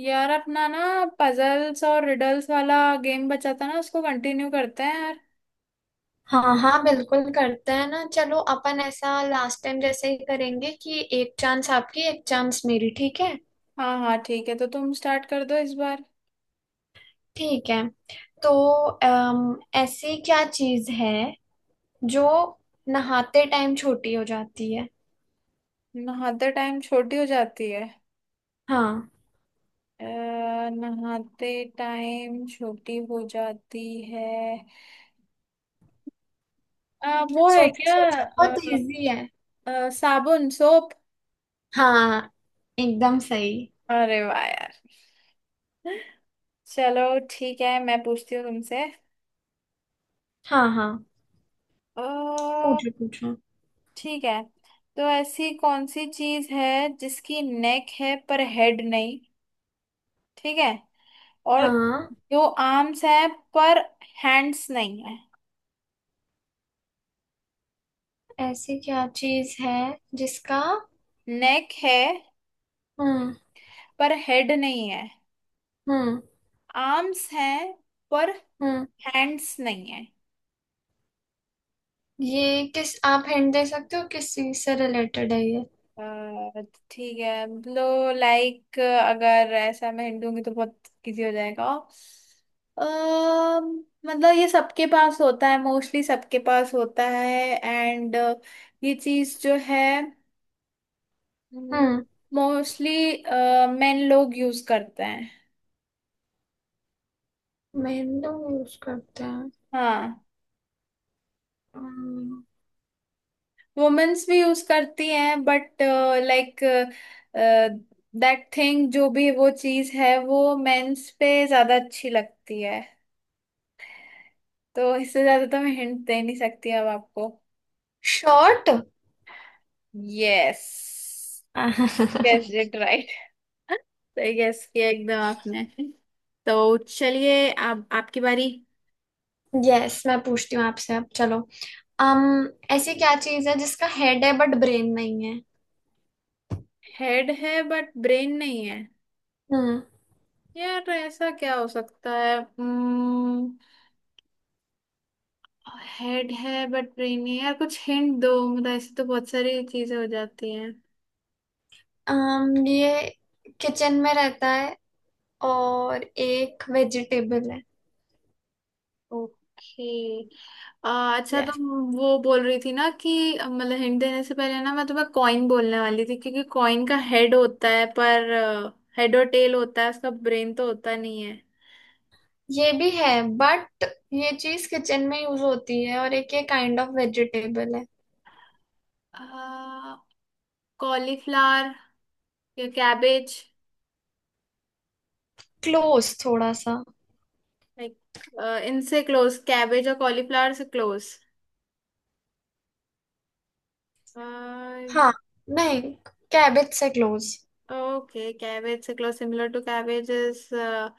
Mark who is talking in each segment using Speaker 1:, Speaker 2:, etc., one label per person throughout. Speaker 1: यार अपना ना पजल्स और रिडल्स वाला गेम बचा था ना, उसको कंटिन्यू करते हैं यार।
Speaker 2: हाँ हाँ, बिल्कुल करते हैं ना। चलो अपन ऐसा लास्ट टाइम जैसे ही करेंगे कि एक चांस आपकी, एक चांस मेरी। ठीक है।
Speaker 1: हाँ हाँ ठीक है, तो तुम स्टार्ट कर दो इस बार।
Speaker 2: ठीक है तो ऐसी क्या चीज है जो नहाते टाइम छोटी हो जाती है।
Speaker 1: नहाते टाइम छोटी हो जाती है।
Speaker 2: हाँ,
Speaker 1: अ, नहाते टाइम छोटी हो जाती है। वो है
Speaker 2: सोचो
Speaker 1: क्या?
Speaker 2: सोचो, बहुत इजी है।
Speaker 1: साबुन सोप।
Speaker 2: हाँ, एकदम सही।
Speaker 1: अरे वाह यार। चलो ठीक है, मैं पूछती हूँ तुमसे।
Speaker 2: हाँ हाँ,
Speaker 1: अ,
Speaker 2: पूछो पूछो।
Speaker 1: ठीक है। तो ऐसी कौन सी चीज है जिसकी नेक है पर हेड नहीं? ठीक है। और
Speaker 2: हाँ,
Speaker 1: जो आर्म्स है पर हैंड्स नहीं है?
Speaker 2: ऐसी क्या चीज है जिसका।
Speaker 1: नेक है
Speaker 2: हम्म।
Speaker 1: पर हेड नहीं है,
Speaker 2: हम्म।
Speaker 1: आर्म्स हैं पर
Speaker 2: हम्म,
Speaker 1: हैंड्स नहीं है।
Speaker 2: ये किस, आप हिंट दे सकते हो किस चीज से रिलेटेड है ये।
Speaker 1: अ, ठीक है लो। लाइक अगर ऐसा मैं हिंट दूंगी तो बहुत इजी हो जाएगा। मतलब ये सबके पास होता है, मोस्टली सबके पास होता है। एंड ये चीज जो है
Speaker 2: हम्म,
Speaker 1: मोस्टली मेन लोग यूज करते हैं।
Speaker 2: मेहंदी यूज करते हैं।
Speaker 1: हाँ वुमेन्स भी यूज करती हैं बट लाइक दैट थिंग जो भी वो चीज है वो मेंस पे ज्यादा अच्छी लगती है। तो इससे ज्यादा तो मैं हिंट दे नहीं सकती अब आपको।
Speaker 2: Short.
Speaker 1: Yes. Guess it right. सही गेस किया एकदम आपने। तो चलिए अब आपकी बारी।
Speaker 2: यस। मैं पूछती हूँ आपसे अब, चलो। अम, ऐसी क्या चीज है जिसका हेड है बट ब्रेन नहीं है।
Speaker 1: हेड है बट ब्रेन नहीं है?
Speaker 2: हम्म,
Speaker 1: यार ऐसा क्या हो सकता है? हेड है बट ब्रेन नहीं है। यार कुछ हिंट दो, मतलब ऐसे तो बहुत सारी चीजें हो जाती हैं।
Speaker 2: अम ये किचन में रहता है और एक वेजिटेबल है।
Speaker 1: ओके अच्छा
Speaker 2: यस।
Speaker 1: तुम। वो बोल रही थी ना कि मतलब हिंट देने से पहले ना मैं तुम्हें कॉइन बोलने वाली थी, क्योंकि कॉइन का हेड होता है, पर हेड और टेल होता है उसका, ब्रेन तो होता नहीं है।
Speaker 2: ये भी है, बट ये चीज किचन में यूज होती है और एक ये काइंड ऑफ वेजिटेबल है।
Speaker 1: कॉलीफ्लावर या कैबेज?
Speaker 2: क्लोज थोड़ा सा।
Speaker 1: लाइक इनसे क्लोज? कैबेज और कॉलीफ्लावर से क्लोज?
Speaker 2: हाँ। नहीं, कैबिज से क्लोज।
Speaker 1: Okay, cabbage से close, similar to cabbage is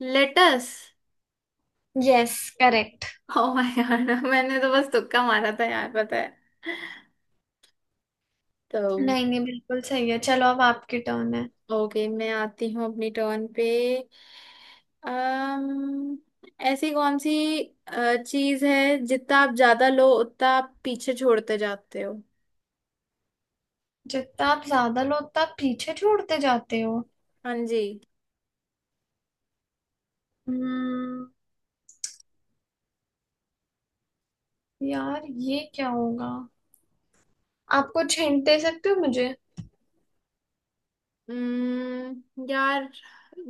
Speaker 1: lettuce.
Speaker 2: Yes, correct.
Speaker 1: Oh my god. मैंने तो बस तुक्का मारा था यार, पता है। तो
Speaker 2: नहीं नहीं, बिल्कुल सही है। चलो अब आपकी टर्न है।
Speaker 1: ओके, मैं आती हूँ अपनी टर्न पे। अम्म ऐसी कौन सी चीज है जितना आप ज्यादा लो उतना आप पीछे छोड़ते जाते हो?
Speaker 2: जितना आप ज्यादा लो उतना आप पीछे छोड़ते जाते हो।
Speaker 1: हाँ जी।
Speaker 2: हम्म, यार ये क्या होगा। आप कुछ हिंट दे सकते हो मुझे।
Speaker 1: यार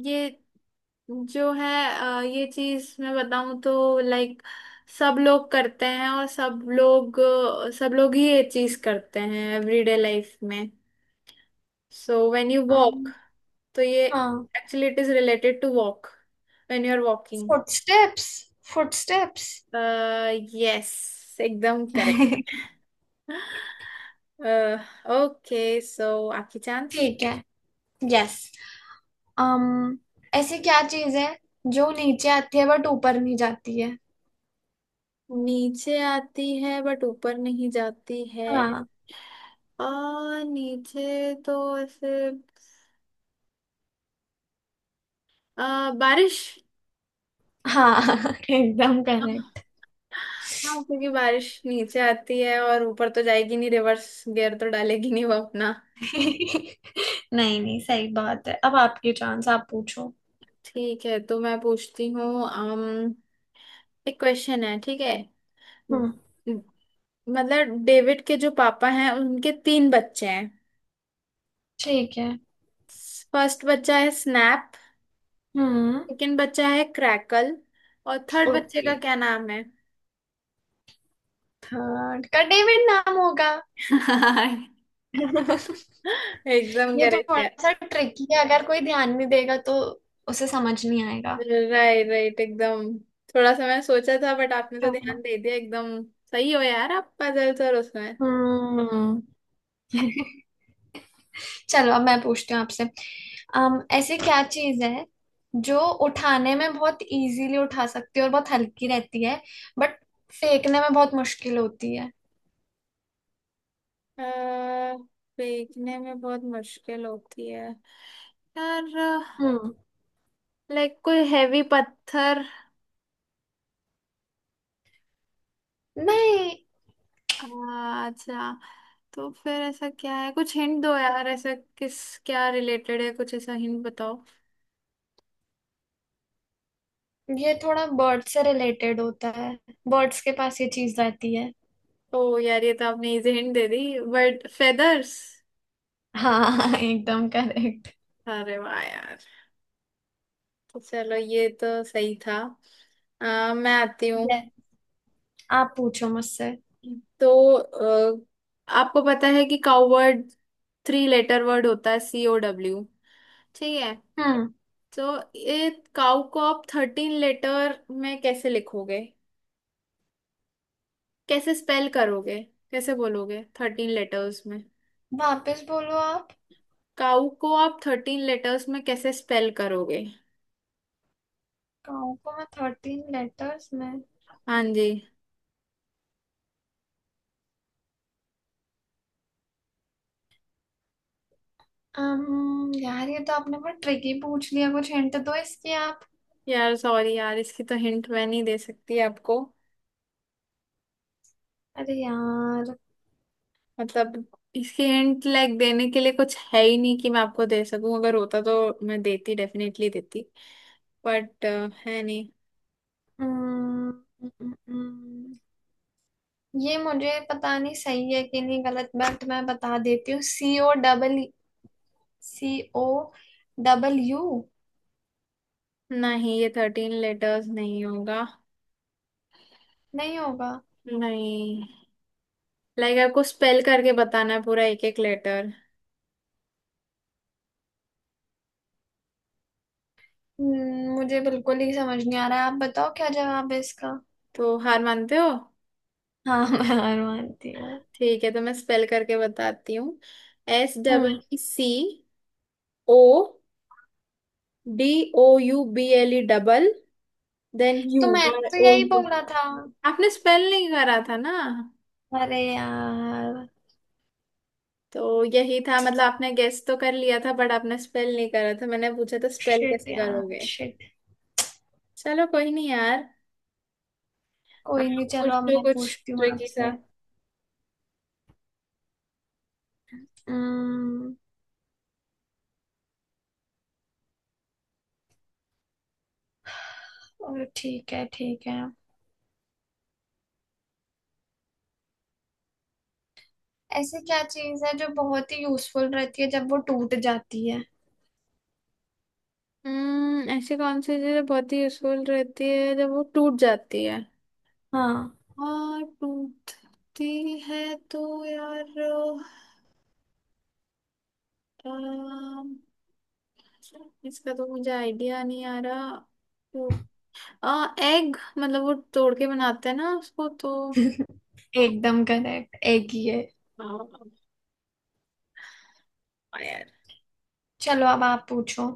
Speaker 1: ये जो है, ये चीज मैं बताऊं तो लाइक सब लोग करते हैं, और सब लोग सब लोग ही ये चीज करते हैं एवरीडे लाइफ में। So when you walk,
Speaker 2: um,
Speaker 1: तो ये
Speaker 2: हाँ।
Speaker 1: Actually it is related to walk. When you are walking.
Speaker 2: Footsteps. Footsteps.
Speaker 1: Yes एकदम करेक्ट। ओके सो आपकी चांस।
Speaker 2: ठीक है। यस। अम, ऐसी क्या चीज है जो नीचे आती है बट ऊपर नहीं जाती है।
Speaker 1: नीचे आती है बट ऊपर नहीं जाती है?
Speaker 2: हाँ।
Speaker 1: आ, नीचे तो ऐसे, बारिश।
Speaker 2: हाँ, एकदम
Speaker 1: हाँ
Speaker 2: करेक्ट।
Speaker 1: क्योंकि बारिश नीचे आती है और ऊपर तो जाएगी नहीं, रिवर्स गियर तो डालेगी नहीं वो अपना।
Speaker 2: नहीं नहीं, सही बात है। अब आपकी चांस, आप पूछो।
Speaker 1: ठीक है तो मैं पूछती हूँ। एक क्वेश्चन है, ठीक है।
Speaker 2: हम्म।
Speaker 1: मतलब डेविड के जो पापा हैं उनके तीन बच्चे हैं।
Speaker 2: ठीक है।
Speaker 1: फर्स्ट बच्चा है स्नैप,
Speaker 2: हम्म।
Speaker 1: सेकंड बच्चा है क्रैकल और थर्ड बच्चे
Speaker 2: ओके,
Speaker 1: का क्या नाम है?
Speaker 2: थर्ड का डेविड नाम होगा।
Speaker 1: हाँ एकदम
Speaker 2: ये
Speaker 1: करेक्ट
Speaker 2: थोड़ा
Speaker 1: यार।
Speaker 2: सा ट्रिकी है, अगर कोई ध्यान नहीं देगा तो उसे समझ नहीं आएगा।
Speaker 1: राइट राइट एकदम। थोड़ा सा मैं सोचा था बट आपने तो
Speaker 2: चलो।
Speaker 1: ध्यान दे दिया एकदम। सही हो यार आप, पजल सर उसमें।
Speaker 2: हम्म। चलो अब मैं पूछती हूँ आपसे। अम, ऐसी क्या चीज है जो उठाने में बहुत इजीली उठा सकती है और बहुत हल्की रहती है, बट फेंकने में बहुत मुश्किल होती है।
Speaker 1: अह, फेंकने में बहुत मुश्किल होती है? यार
Speaker 2: हम्म।
Speaker 1: लाइक कोई हैवी पत्थर?
Speaker 2: नहीं।
Speaker 1: अच्छा। तो फिर ऐसा क्या है, कुछ हिंट दो यार, ऐसा किस क्या रिलेटेड है, कुछ ऐसा हिंट बताओ।
Speaker 2: ये थोड़ा बर्ड से रिलेटेड होता है। बर्ड्स के पास ये चीज रहती है।
Speaker 1: ओ यार ये तो आपने इजी हिंट दे दी। But feathers.
Speaker 2: हाँ, एकदम करेक्ट।
Speaker 1: अरे वाह यार। चलो ये तो सही था। मैं आती हूँ।
Speaker 2: ये, आप पूछो मुझसे।
Speaker 1: तो आपको पता है कि cow word three letter word होता है, सी ओ डब्ल्यू। ठीक है,
Speaker 2: हम्म।
Speaker 1: तो ये काउ को आप थर्टीन लेटर में कैसे लिखोगे? कैसे स्पेल करोगे? कैसे बोलोगे थर्टीन लेटर्स में?
Speaker 2: वापस बोलो आप।
Speaker 1: काउ को आप थर्टीन लेटर्स में कैसे स्पेल करोगे?
Speaker 2: गाँव को मैं 13 लेटर्स में।
Speaker 1: हाँ जी।
Speaker 2: अम्म, यार ये तो आपने बहुत ट्रिकी पूछ लिया, कुछ हिंट दो इसकी आप।
Speaker 1: यार सॉरी यार, इसकी तो हिंट मैं नहीं दे सकती आपको।
Speaker 2: अरे यार।
Speaker 1: मतलब इसकी हिंट लाइक देने के लिए कुछ है ही नहीं कि मैं आपको दे सकूं। अगर होता तो मैं देती, डेफिनेटली देती, बट है नहीं।
Speaker 2: अम्म, अम्म, अम्म, ये मुझे पता नहीं सही है कि नहीं, गलत, बट मैं बता देती हूँ। C O double. C. O. W.
Speaker 1: नहीं, ये थर्टीन लेटर्स नहीं होगा।
Speaker 2: नहीं होगा।
Speaker 1: नहीं, लाइक आपको स्पेल करके बताना है पूरा एक एक लेटर।
Speaker 2: मुझे बिल्कुल ही समझ नहीं आ रहा है। आप बताओ क्या जवाब है इसका।
Speaker 1: तो हार मानते हो?
Speaker 2: हाँ, मैं हार मानती हूँ।
Speaker 1: ठीक है, तो मैं स्पेल करके बताती हूँ। S double
Speaker 2: hmm.
Speaker 1: C O D O U B L E double then U
Speaker 2: तो मैंने
Speaker 1: वाई
Speaker 2: तो
Speaker 1: ओ
Speaker 2: यही
Speaker 1: यू।
Speaker 2: बोला था।
Speaker 1: आपने स्पेल नहीं करा था ना।
Speaker 2: अरे यार।
Speaker 1: तो यही था, मतलब आपने गेस तो कर लिया था बट आपने स्पेल नहीं करा था, मैंने पूछा था स्पेल
Speaker 2: शिट
Speaker 1: कैसे
Speaker 2: यार,
Speaker 1: करोगे।
Speaker 2: शिट।
Speaker 1: चलो कोई नहीं यार। आप
Speaker 2: कोई नहीं,
Speaker 1: कुछ,
Speaker 2: चलो अब
Speaker 1: तो
Speaker 2: मैं
Speaker 1: कुछ
Speaker 2: पूछती हूँ
Speaker 1: ट्रिकी था।
Speaker 2: आपसे। हम्म, और ठीक है। ठीक है, ऐसी क्या चीज है जो बहुत ही यूजफुल रहती है जब वो टूट जाती है।
Speaker 1: हम्म, ऐसी कौन सी चीज बहुत ही यूजफुल रहती है जब वो टूट जाती है?
Speaker 2: हाँ,
Speaker 1: हाँ टूटती है तो यार, अ, इसका तो मुझे आइडिया नहीं आ रहा। टूट, एग, मतलब वो तोड़ के बनाते हैं ना उसको तो।
Speaker 2: एकदम करेक्ट, एक ही है।
Speaker 1: हाँ
Speaker 2: चलो अब आप पूछो।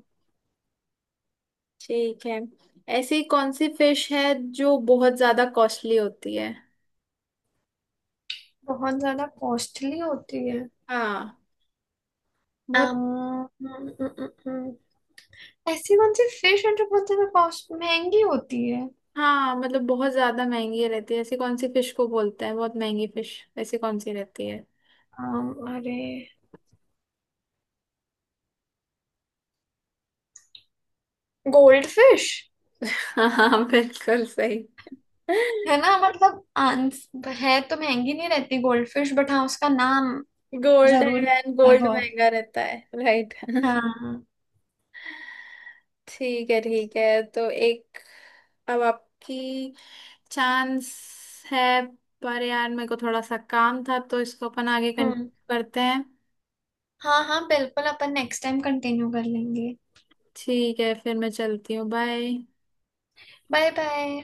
Speaker 1: ठीक है। ऐसी कौन सी फिश है जो बहुत ज्यादा कॉस्टली होती है?
Speaker 2: बहुत ज्यादा कॉस्टली होती है।
Speaker 1: हाँ बहुत।
Speaker 2: um, ऐसी कौन सी फिश है जो बहुत ज्यादा कॉस्ट, महंगी होती है।
Speaker 1: हाँ मतलब बहुत ज्यादा महंगी रहती है, ऐसी कौन सी फिश को बोलते हैं बहुत महंगी फिश, ऐसी कौन सी रहती है?
Speaker 2: अरे, गोल्ड फिश।
Speaker 1: हाँ बिल्कुल सही।
Speaker 2: है ना, मतलब आंस है तो महंगी नहीं रहती गोल्ड फिश, बट हाँ, उसका नाम
Speaker 1: गोल्ड है
Speaker 2: जरूर
Speaker 1: मैन,
Speaker 2: मिलता है
Speaker 1: गोल्ड
Speaker 2: बहुत।
Speaker 1: महंगा रहता है। राइट।
Speaker 2: हाँ।
Speaker 1: ठीक है ठीक है, तो एक, अब आपकी चांस है। पर यार मेरे को थोड़ा सा काम था, तो इसको अपन आगे
Speaker 2: हम्म।
Speaker 1: करते हैं।
Speaker 2: हाँ हाँ, बिल्कुल, अपन नेक्स्ट टाइम कंटिन्यू कर लेंगे।
Speaker 1: ठीक है, फिर मैं चलती हूँ। बाय।
Speaker 2: Bye bye.